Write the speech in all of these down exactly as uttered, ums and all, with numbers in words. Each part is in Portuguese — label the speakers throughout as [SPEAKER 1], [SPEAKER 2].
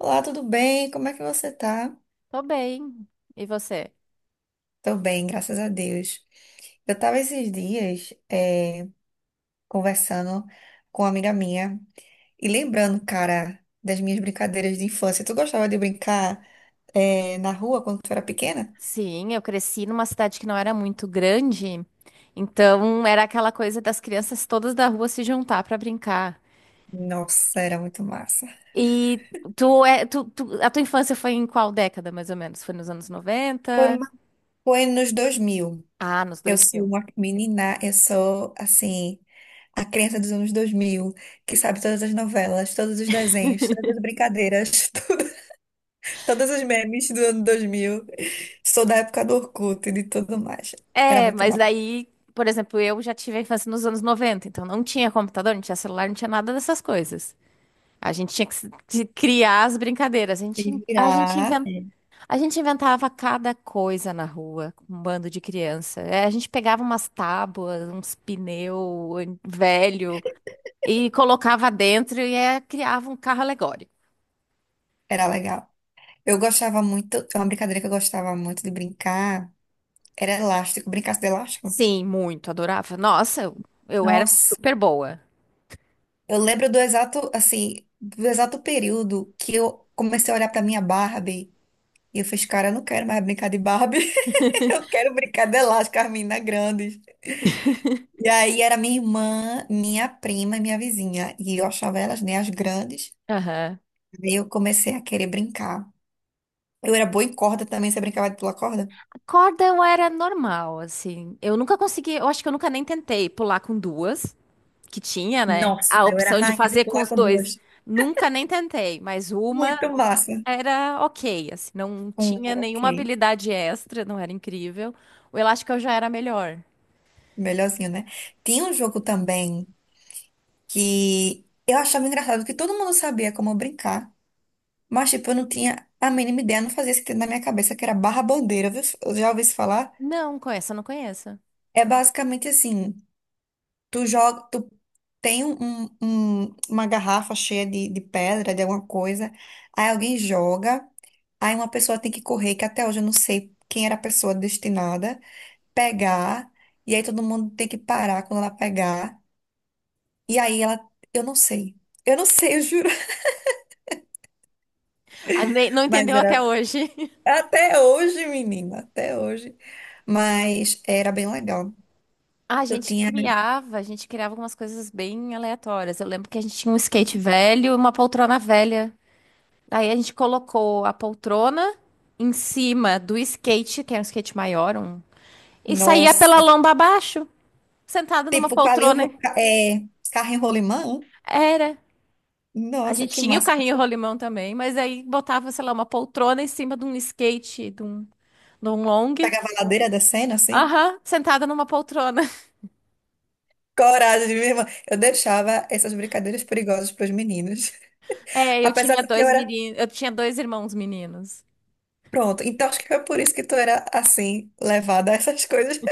[SPEAKER 1] Olá, tudo bem? Como é que você tá?
[SPEAKER 2] Tô bem. E você?
[SPEAKER 1] Tô bem, graças a Deus. Eu tava esses dias eh, conversando com uma amiga minha e lembrando, cara, das minhas brincadeiras de infância. Tu gostava de brincar eh, na rua quando tu era pequena?
[SPEAKER 2] Sim, eu cresci numa cidade que não era muito grande, então era aquela coisa das crianças todas da rua se juntar pra brincar.
[SPEAKER 1] Nossa, era muito massa.
[SPEAKER 2] E tu é, tu, tu- a tua infância foi em qual década, mais ou menos? Foi nos anos
[SPEAKER 1] Foi,
[SPEAKER 2] noventa?
[SPEAKER 1] uma- Foi nos dois mil.
[SPEAKER 2] Ah, nos
[SPEAKER 1] Eu
[SPEAKER 2] dois
[SPEAKER 1] sou
[SPEAKER 2] mil.
[SPEAKER 1] uma menina, eu sou, assim, a criança dos anos dois mil que sabe todas as novelas, todos os desenhos, todas as brincadeiras. Todas os memes do ano dois mil. Sou da época do Orkut e de tudo mais. Era
[SPEAKER 2] É,
[SPEAKER 1] muito
[SPEAKER 2] mas
[SPEAKER 1] mal.
[SPEAKER 2] daí, por exemplo, eu já tive a infância nos anos noventa. Então não tinha computador, não tinha celular, não tinha nada dessas coisas. A gente tinha que se- de criar as brincadeiras. A
[SPEAKER 1] Se
[SPEAKER 2] gente, a gente
[SPEAKER 1] virar, é,
[SPEAKER 2] a gente inventava cada coisa na rua, com um bando de criança. É, a gente pegava umas tábuas, uns pneu an- velho e colocava dentro e é, criava um carro alegórico.
[SPEAKER 1] era legal. Eu gostava muito, é uma brincadeira que eu gostava muito de brincar era elástico. Brincasse de elástico?
[SPEAKER 2] Sim, muito, adorava. Nossa, eu, eu era
[SPEAKER 1] Nossa,
[SPEAKER 2] super boa.
[SPEAKER 1] eu lembro do exato, assim, do exato período que eu comecei a olhar pra minha Barbie e eu fiz, cara, eu não quero mais brincar de Barbie. Eu quero brincar de elástico, as meninas grandes. E aí era minha irmã, minha prima e minha vizinha. E eu achava elas, né, as grandes.
[SPEAKER 2] Aham.
[SPEAKER 1] Aí eu comecei a querer brincar. Eu era boa em corda também, você brincava de pular corda?
[SPEAKER 2] Corda eu era normal, assim. Eu nunca consegui, eu acho que eu nunca nem tentei pular com duas, que tinha, né?
[SPEAKER 1] Nossa,
[SPEAKER 2] A
[SPEAKER 1] eu era
[SPEAKER 2] opção de
[SPEAKER 1] rainha de
[SPEAKER 2] fazer com
[SPEAKER 1] pular
[SPEAKER 2] os
[SPEAKER 1] com
[SPEAKER 2] dois.
[SPEAKER 1] duas.
[SPEAKER 2] Nunca nem tentei, mas uma
[SPEAKER 1] Muito massa.
[SPEAKER 2] era ok, assim, não
[SPEAKER 1] Um
[SPEAKER 2] tinha
[SPEAKER 1] era ok.
[SPEAKER 2] nenhuma habilidade extra, não era incrível. O elástico eu já era melhor.
[SPEAKER 1] Melhorzinho, né? Tinha um jogo também que eu achava engraçado, que todo mundo sabia como brincar, mas tipo, eu não tinha a mínima ideia, não fazia sentido na minha cabeça, que era barra bandeira. Viu? Eu já ouvi isso falar.
[SPEAKER 2] Não, com essa eu não conheço.
[SPEAKER 1] É basicamente assim. Tu joga, tu tem um, um- um, uma garrafa cheia de, de pedra, de alguma coisa, aí alguém joga, aí uma pessoa tem que correr, que até hoje eu não sei quem era a pessoa destinada, pegar, e aí todo mundo tem que parar quando ela pegar, e aí ela, eu não sei, eu não sei, eu juro,
[SPEAKER 2] Ah, nem- não
[SPEAKER 1] mas
[SPEAKER 2] entendeu até
[SPEAKER 1] era
[SPEAKER 2] hoje.
[SPEAKER 1] até hoje, menina, até hoje, mas era bem legal.
[SPEAKER 2] A
[SPEAKER 1] Eu
[SPEAKER 2] gente
[SPEAKER 1] tinha,
[SPEAKER 2] criava, a gente criava algumas coisas bem aleatórias. Eu lembro que a gente tinha um skate velho e uma poltrona velha. Aí a gente colocou a poltrona em cima do skate, que era um skate maior, um, e saía pela
[SPEAKER 1] nossa,
[SPEAKER 2] lomba abaixo, sentado numa
[SPEAKER 1] tipo,
[SPEAKER 2] poltrona.
[SPEAKER 1] Calil, é, carro em rolimã,
[SPEAKER 2] Era. A
[SPEAKER 1] nossa,
[SPEAKER 2] gente
[SPEAKER 1] que
[SPEAKER 2] tinha o
[SPEAKER 1] massa.
[SPEAKER 2] carrinho rolimão também, mas aí botava, sei lá, uma poltrona em cima de um skate, de um, de um long.
[SPEAKER 1] Pegava a ladeira da cena, assim.
[SPEAKER 2] Aham, sentada numa poltrona.
[SPEAKER 1] Coragem, minha irmã. Eu deixava essas brincadeiras perigosas para os meninos.
[SPEAKER 2] É, eu
[SPEAKER 1] Apesar
[SPEAKER 2] tinha
[SPEAKER 1] de que eu
[SPEAKER 2] dois
[SPEAKER 1] era.
[SPEAKER 2] meninos, eu tinha dois irmãos meninos.
[SPEAKER 1] Pronto. Então acho que foi por isso que tu era assim, levada a essas coisas.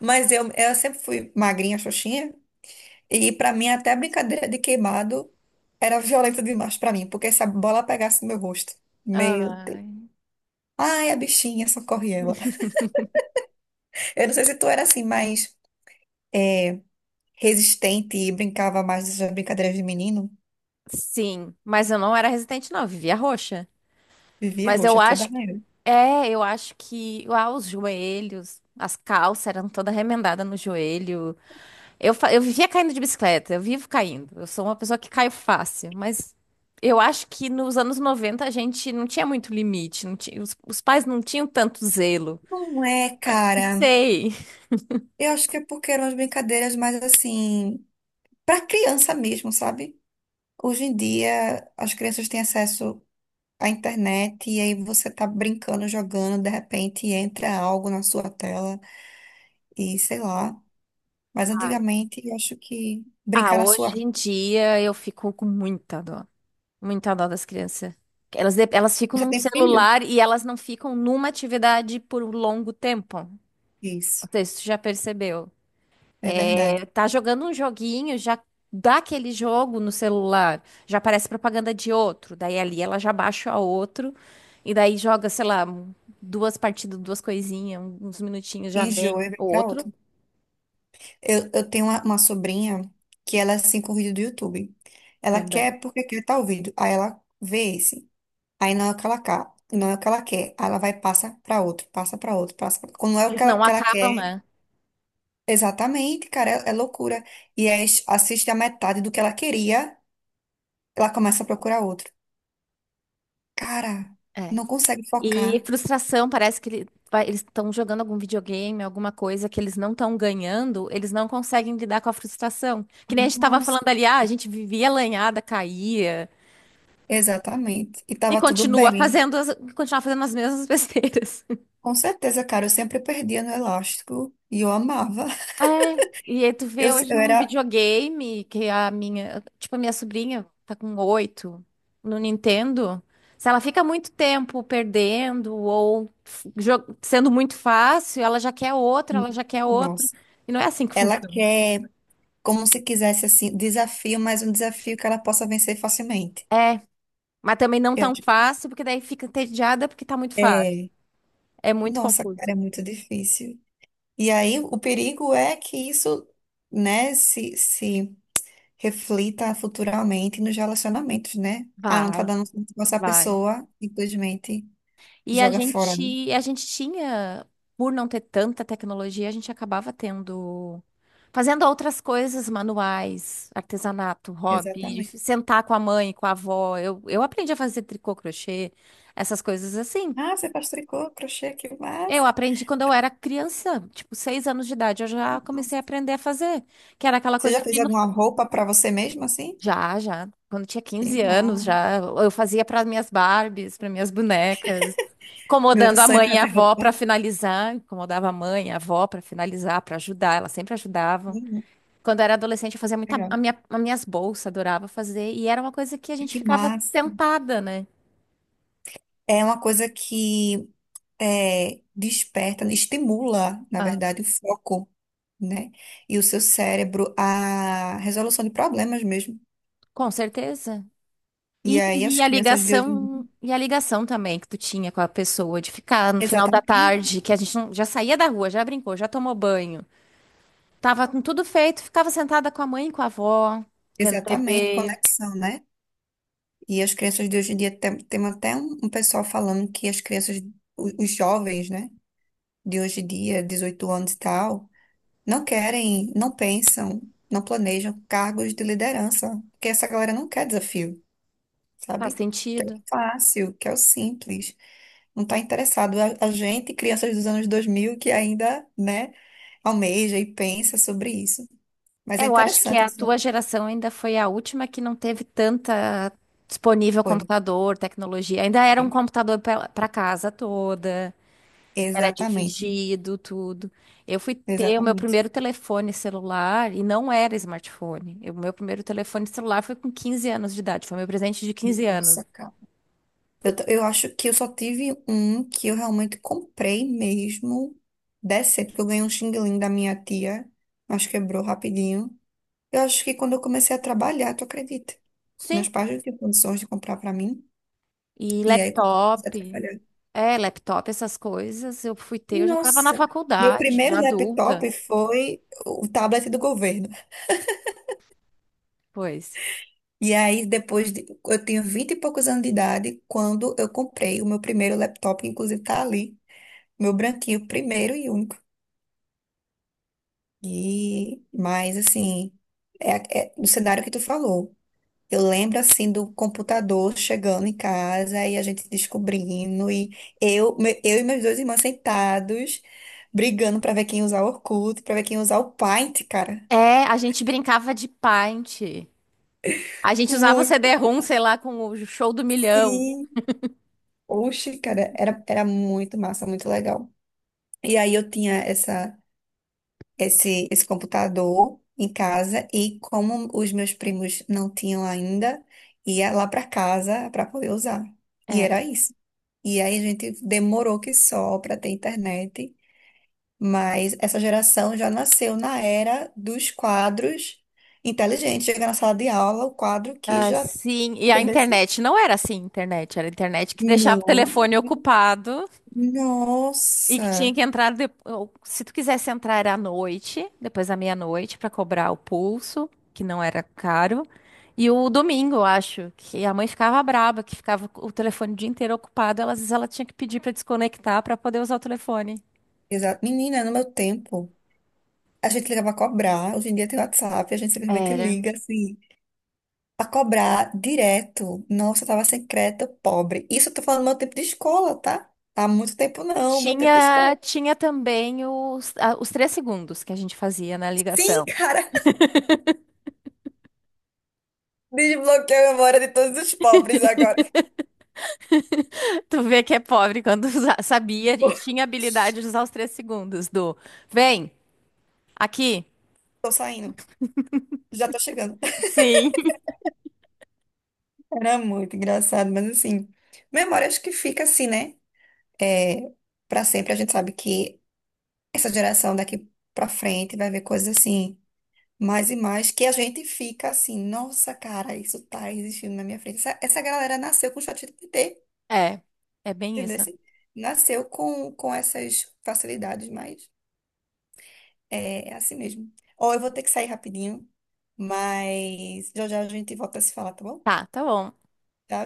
[SPEAKER 1] Mas eu, eu sempre fui magrinha, xoxinha. E para mim, até a brincadeira de queimado era violenta demais para mim, porque se a bola pegasse no meu rosto. Meu Deus.
[SPEAKER 2] Ai,
[SPEAKER 1] Ai, a bichinha, socorre ela. Eu não sei se tu era assim, mais resistente e brincava mais dessas brincadeiras de menino.
[SPEAKER 2] sim, mas eu não era resistente, não, eu vivia roxa.
[SPEAKER 1] Vivia
[SPEAKER 2] Mas eu
[SPEAKER 1] roxa toda
[SPEAKER 2] acho,
[SPEAKER 1] hora.
[SPEAKER 2] é, eu acho que, ah, os joelhos, as calças eram toda remendada no joelho. Eu, fa- eu vivia caindo de bicicleta, eu vivo caindo. Eu sou uma pessoa que cai fácil, mas eu acho que nos anos noventa a gente não tinha muito limite, não tinha, os, os pais não tinham tanto zelo.
[SPEAKER 1] Não é,
[SPEAKER 2] Não
[SPEAKER 1] cara.
[SPEAKER 2] sei.
[SPEAKER 1] Eu acho que é porque eram as brincadeiras mais assim, para criança mesmo, sabe? Hoje em dia, as crianças têm acesso à internet e aí você tá brincando, jogando, de repente entra algo na sua tela e sei lá. Mas
[SPEAKER 2] Ah,
[SPEAKER 1] antigamente, eu acho que
[SPEAKER 2] Ah,
[SPEAKER 1] brincar na
[SPEAKER 2] hoje
[SPEAKER 1] sua.
[SPEAKER 2] em dia eu fico com muita dó, muita dó das crianças. Elas, de- elas ficam
[SPEAKER 1] Você
[SPEAKER 2] num
[SPEAKER 1] tem filho?
[SPEAKER 2] celular e elas não ficam numa atividade por um longo tempo.
[SPEAKER 1] Isso,
[SPEAKER 2] Não sei se tu já percebeu.
[SPEAKER 1] é verdade.
[SPEAKER 2] É, tá jogando um joguinho, já dá aquele jogo no celular, já aparece propaganda de outro, daí ali ela já baixa o outro, e daí joga, sei lá, um- duas partidas, duas coisinhas, um- uns minutinhos já vem
[SPEAKER 1] Enjoa e vai
[SPEAKER 2] o
[SPEAKER 1] pra
[SPEAKER 2] outro
[SPEAKER 1] outra. Eu, eu tenho uma, uma sobrinha que ela é assim com vídeo do YouTube. Ela
[SPEAKER 2] também.
[SPEAKER 1] quer porque quer estar ouvindo. Aí ela vê esse. Aí não é o que ela quer, não é o que ela quer. Aí ela vai e passa pra outro, passa pra outro, passa pra... Quando não é o
[SPEAKER 2] Eles
[SPEAKER 1] que ela,
[SPEAKER 2] não
[SPEAKER 1] que ela quer,
[SPEAKER 2] acabam, né?
[SPEAKER 1] exatamente, cara, é, é loucura. E aí s- assiste a metade do que ela queria, ela começa a procurar outro. Cara,
[SPEAKER 2] É.
[SPEAKER 1] não consegue
[SPEAKER 2] E
[SPEAKER 1] focar.
[SPEAKER 2] frustração, parece que ele- vai- eles estão jogando algum videogame, alguma coisa que eles não estão ganhando, eles não conseguem lidar com a frustração. Que nem a gente tava
[SPEAKER 1] Nossa.
[SPEAKER 2] falando ali, ah, a gente vivia lanhada, caía.
[SPEAKER 1] Exatamente. E
[SPEAKER 2] E
[SPEAKER 1] tava tudo
[SPEAKER 2] continua
[SPEAKER 1] bem.
[SPEAKER 2] fazendo as, continua fazendo as mesmas besteiras.
[SPEAKER 1] Com certeza, cara, eu sempre perdia no elástico e eu amava.
[SPEAKER 2] É, e aí tu
[SPEAKER 1] Eu,
[SPEAKER 2] vê hoje
[SPEAKER 1] eu
[SPEAKER 2] num
[SPEAKER 1] era.
[SPEAKER 2] videogame que a minha, tipo, a minha sobrinha tá com oito no Nintendo. Se ela fica muito tempo perdendo ou f- jo- sendo muito fácil, ela já quer outro, ela já quer outro.
[SPEAKER 1] Nossa.
[SPEAKER 2] E não é assim que
[SPEAKER 1] Ela
[SPEAKER 2] funciona.
[SPEAKER 1] quer, como se quisesse, assim, desafio, mas um desafio que ela possa vencer facilmente.
[SPEAKER 2] É, mas também não tão fácil, porque daí fica entediada porque tá muito fácil.
[SPEAKER 1] É,
[SPEAKER 2] É muito
[SPEAKER 1] nossa, cara,
[SPEAKER 2] confuso.
[SPEAKER 1] é muito difícil. E aí, o perigo é que isso, né, se, se reflita futuramente nos relacionamentos, né? Ah, não tá
[SPEAKER 2] Vai,
[SPEAKER 1] dando certo com essa
[SPEAKER 2] vai.
[SPEAKER 1] pessoa, simplesmente
[SPEAKER 2] E a
[SPEAKER 1] joga fora, né?
[SPEAKER 2] gente, a gente tinha, por não ter tanta tecnologia, a gente acabava tendo, fazendo outras coisas manuais, artesanato, hobby,
[SPEAKER 1] Exatamente.
[SPEAKER 2] sentar com a mãe, com a avó. Eu, eu aprendi a fazer tricô, crochê, essas coisas assim.
[SPEAKER 1] Ah, você faz tricô, crochê, que
[SPEAKER 2] Eu
[SPEAKER 1] massa.
[SPEAKER 2] aprendi quando eu era criança, tipo, seis anos de idade, eu já
[SPEAKER 1] Nossa.
[SPEAKER 2] comecei a aprender a fazer, que era aquela
[SPEAKER 1] Você já
[SPEAKER 2] coisa de...
[SPEAKER 1] fez alguma roupa pra você mesmo, assim?
[SPEAKER 2] Já, já. Quando tinha
[SPEAKER 1] Que
[SPEAKER 2] quinze anos,
[SPEAKER 1] massa.
[SPEAKER 2] já eu fazia para minhas Barbies, para minhas bonecas,
[SPEAKER 1] Meu
[SPEAKER 2] incomodando a
[SPEAKER 1] sonho
[SPEAKER 2] mãe
[SPEAKER 1] é
[SPEAKER 2] e a
[SPEAKER 1] fazer
[SPEAKER 2] avó para
[SPEAKER 1] roupa.
[SPEAKER 2] finalizar, incomodava a mãe, e a avó para finalizar, para ajudar, elas sempre ajudavam.
[SPEAKER 1] Uhum,
[SPEAKER 2] Quando eu era adolescente, eu fazia muita
[SPEAKER 1] legal.
[SPEAKER 2] a minha, as minhas bolsas, adorava fazer, e era uma coisa que a gente
[SPEAKER 1] Que
[SPEAKER 2] ficava
[SPEAKER 1] massa.
[SPEAKER 2] sentada, né?
[SPEAKER 1] É uma coisa que é, desperta, estimula, na
[SPEAKER 2] Ah,
[SPEAKER 1] verdade, o foco, né? E o seu cérebro, a resolução de problemas mesmo.
[SPEAKER 2] com certeza.
[SPEAKER 1] E
[SPEAKER 2] E,
[SPEAKER 1] aí as
[SPEAKER 2] e a
[SPEAKER 1] crianças de hoje em
[SPEAKER 2] ligação,
[SPEAKER 1] dia,
[SPEAKER 2] e a ligação também que tu tinha com a pessoa de ficar no final da
[SPEAKER 1] exatamente,
[SPEAKER 2] tarde, que a gente não- já saía da rua, já brincou, já tomou banho. Tava com tudo feito, ficava sentada com a mãe e com a avó, vendo
[SPEAKER 1] exatamente,
[SPEAKER 2] T V.
[SPEAKER 1] conexão, né? E as crianças de hoje em dia, tem, tem até um, um pessoal falando que as crianças, o- os jovens, né? De hoje em dia, dezoito anos e tal, não querem, não pensam, não planejam cargos de liderança, porque essa galera não quer desafio.
[SPEAKER 2] Faz
[SPEAKER 1] Sabe? Que é o
[SPEAKER 2] sentido.
[SPEAKER 1] fácil, que é o simples. Não está interessado. A, a gente, crianças dos anos dois mil que ainda, né, almeja e pensa sobre isso. Mas
[SPEAKER 2] É,
[SPEAKER 1] é
[SPEAKER 2] eu acho que
[SPEAKER 1] interessante
[SPEAKER 2] a tua
[SPEAKER 1] isso
[SPEAKER 2] geração ainda foi a última que não teve tanta
[SPEAKER 1] que
[SPEAKER 2] disponível
[SPEAKER 1] foi.
[SPEAKER 2] computador, tecnologia. Ainda era um computador para casa toda, era
[SPEAKER 1] Exatamente,
[SPEAKER 2] dividido, tudo. Eu fui ter o meu
[SPEAKER 1] exatamente.
[SPEAKER 2] primeiro telefone celular e não era smartphone. O meu primeiro telefone celular foi com quinze anos de idade, foi meu presente de quinze anos.
[SPEAKER 1] Nossa, cara. Eu, t- eu acho que eu só tive um que eu realmente comprei mesmo. Decente, porque eu ganhei um xing-ling da minha tia, mas quebrou rapidinho. Eu acho que quando eu comecei a trabalhar, tu acredita? Meus
[SPEAKER 2] Sim,
[SPEAKER 1] pais não tinham condições de comprar pra mim.
[SPEAKER 2] E
[SPEAKER 1] E aí comecei a
[SPEAKER 2] laptop,
[SPEAKER 1] trabalhar.
[SPEAKER 2] é, laptop, essas coisas, eu fui ter, eu já estava na
[SPEAKER 1] Nossa, meu
[SPEAKER 2] faculdade, já
[SPEAKER 1] primeiro
[SPEAKER 2] adulta,
[SPEAKER 1] laptop foi o tablet do governo.
[SPEAKER 2] pois.
[SPEAKER 1] E aí depois de, eu tinha vinte e poucos anos de idade quando eu comprei o meu primeiro laptop, que inclusive tá ali, meu branquinho, primeiro e único. E mas assim, é, é no cenário que tu falou. Eu lembro assim do computador chegando em casa e a gente descobrindo, e eu, me- eu e meus dois irmãos sentados, brigando pra ver quem ia usar o Orkut, pra ver quem ia usar o Paint, cara.
[SPEAKER 2] É, a gente brincava de Paint. A gente usava o
[SPEAKER 1] Muito,
[SPEAKER 2] C D-ROM, sei lá, com o show do milhão.
[SPEAKER 1] sim. Oxe, cara, era, era muito massa, muito legal. E aí eu tinha essa. Esse, esse computador em casa e como os meus primos não tinham ainda, ia lá para casa para poder usar. E era
[SPEAKER 2] Era.
[SPEAKER 1] isso. E aí a gente demorou que só para ter internet, mas essa geração já nasceu na era dos quadros inteligentes. Chega na sala de aula, o quadro que
[SPEAKER 2] Ah,
[SPEAKER 1] já.
[SPEAKER 2] sim, e a
[SPEAKER 1] Entendeu?
[SPEAKER 2] internet não era assim, internet, era internet que deixava o
[SPEAKER 1] Não.
[SPEAKER 2] telefone ocupado. E que tinha
[SPEAKER 1] Nossa!
[SPEAKER 2] que entrar depo- ou, se tu quisesse entrar era à noite, depois da meia-noite, para cobrar o pulso, que não era caro. E o domingo, eu acho, que a mãe ficava braba, que ficava o telefone o dia inteiro ocupado, ela- às vezes ela tinha que pedir para desconectar para poder usar o telefone.
[SPEAKER 1] Exato. Menina, no meu tempo, a gente ligava a cobrar, hoje em dia tem WhatsApp, a gente simplesmente
[SPEAKER 2] Era.
[SPEAKER 1] liga assim. A cobrar direto. Nossa, eu tava sem crédito, pobre. Isso eu tô falando do meu tempo de escola, tá? Há muito tempo não, meu tempo de escola.
[SPEAKER 2] Tinha, tinha também os, a- os três segundos que a gente fazia na
[SPEAKER 1] Sim,
[SPEAKER 2] ligação.
[SPEAKER 1] cara, desbloqueei a memória de todos os pobres agora.
[SPEAKER 2] Tu vê que é pobre quando usa- sabia e tinha habilidade de usar os três segundos do vem aqui.
[SPEAKER 1] Tô saindo, já tô chegando.
[SPEAKER 2] Sim.
[SPEAKER 1] Era muito engraçado, mas assim, memória acho que fica assim, né? É, para sempre a gente sabe que essa geração daqui pra frente vai ver coisas assim, mais e mais, que a gente fica assim, nossa, cara, isso tá existindo na minha frente. Essa, essa galera nasceu com o chat.
[SPEAKER 2] É, é bem
[SPEAKER 1] Entendeu?
[SPEAKER 2] isso. Né?
[SPEAKER 1] Assim, nasceu com, com essas facilidades, mas é, é assim mesmo. Ó, eu vou ter que sair rapidinho, mas já já a gente volta a se falar, tá bom?
[SPEAKER 2] Tá, tá bom.
[SPEAKER 1] Tchau.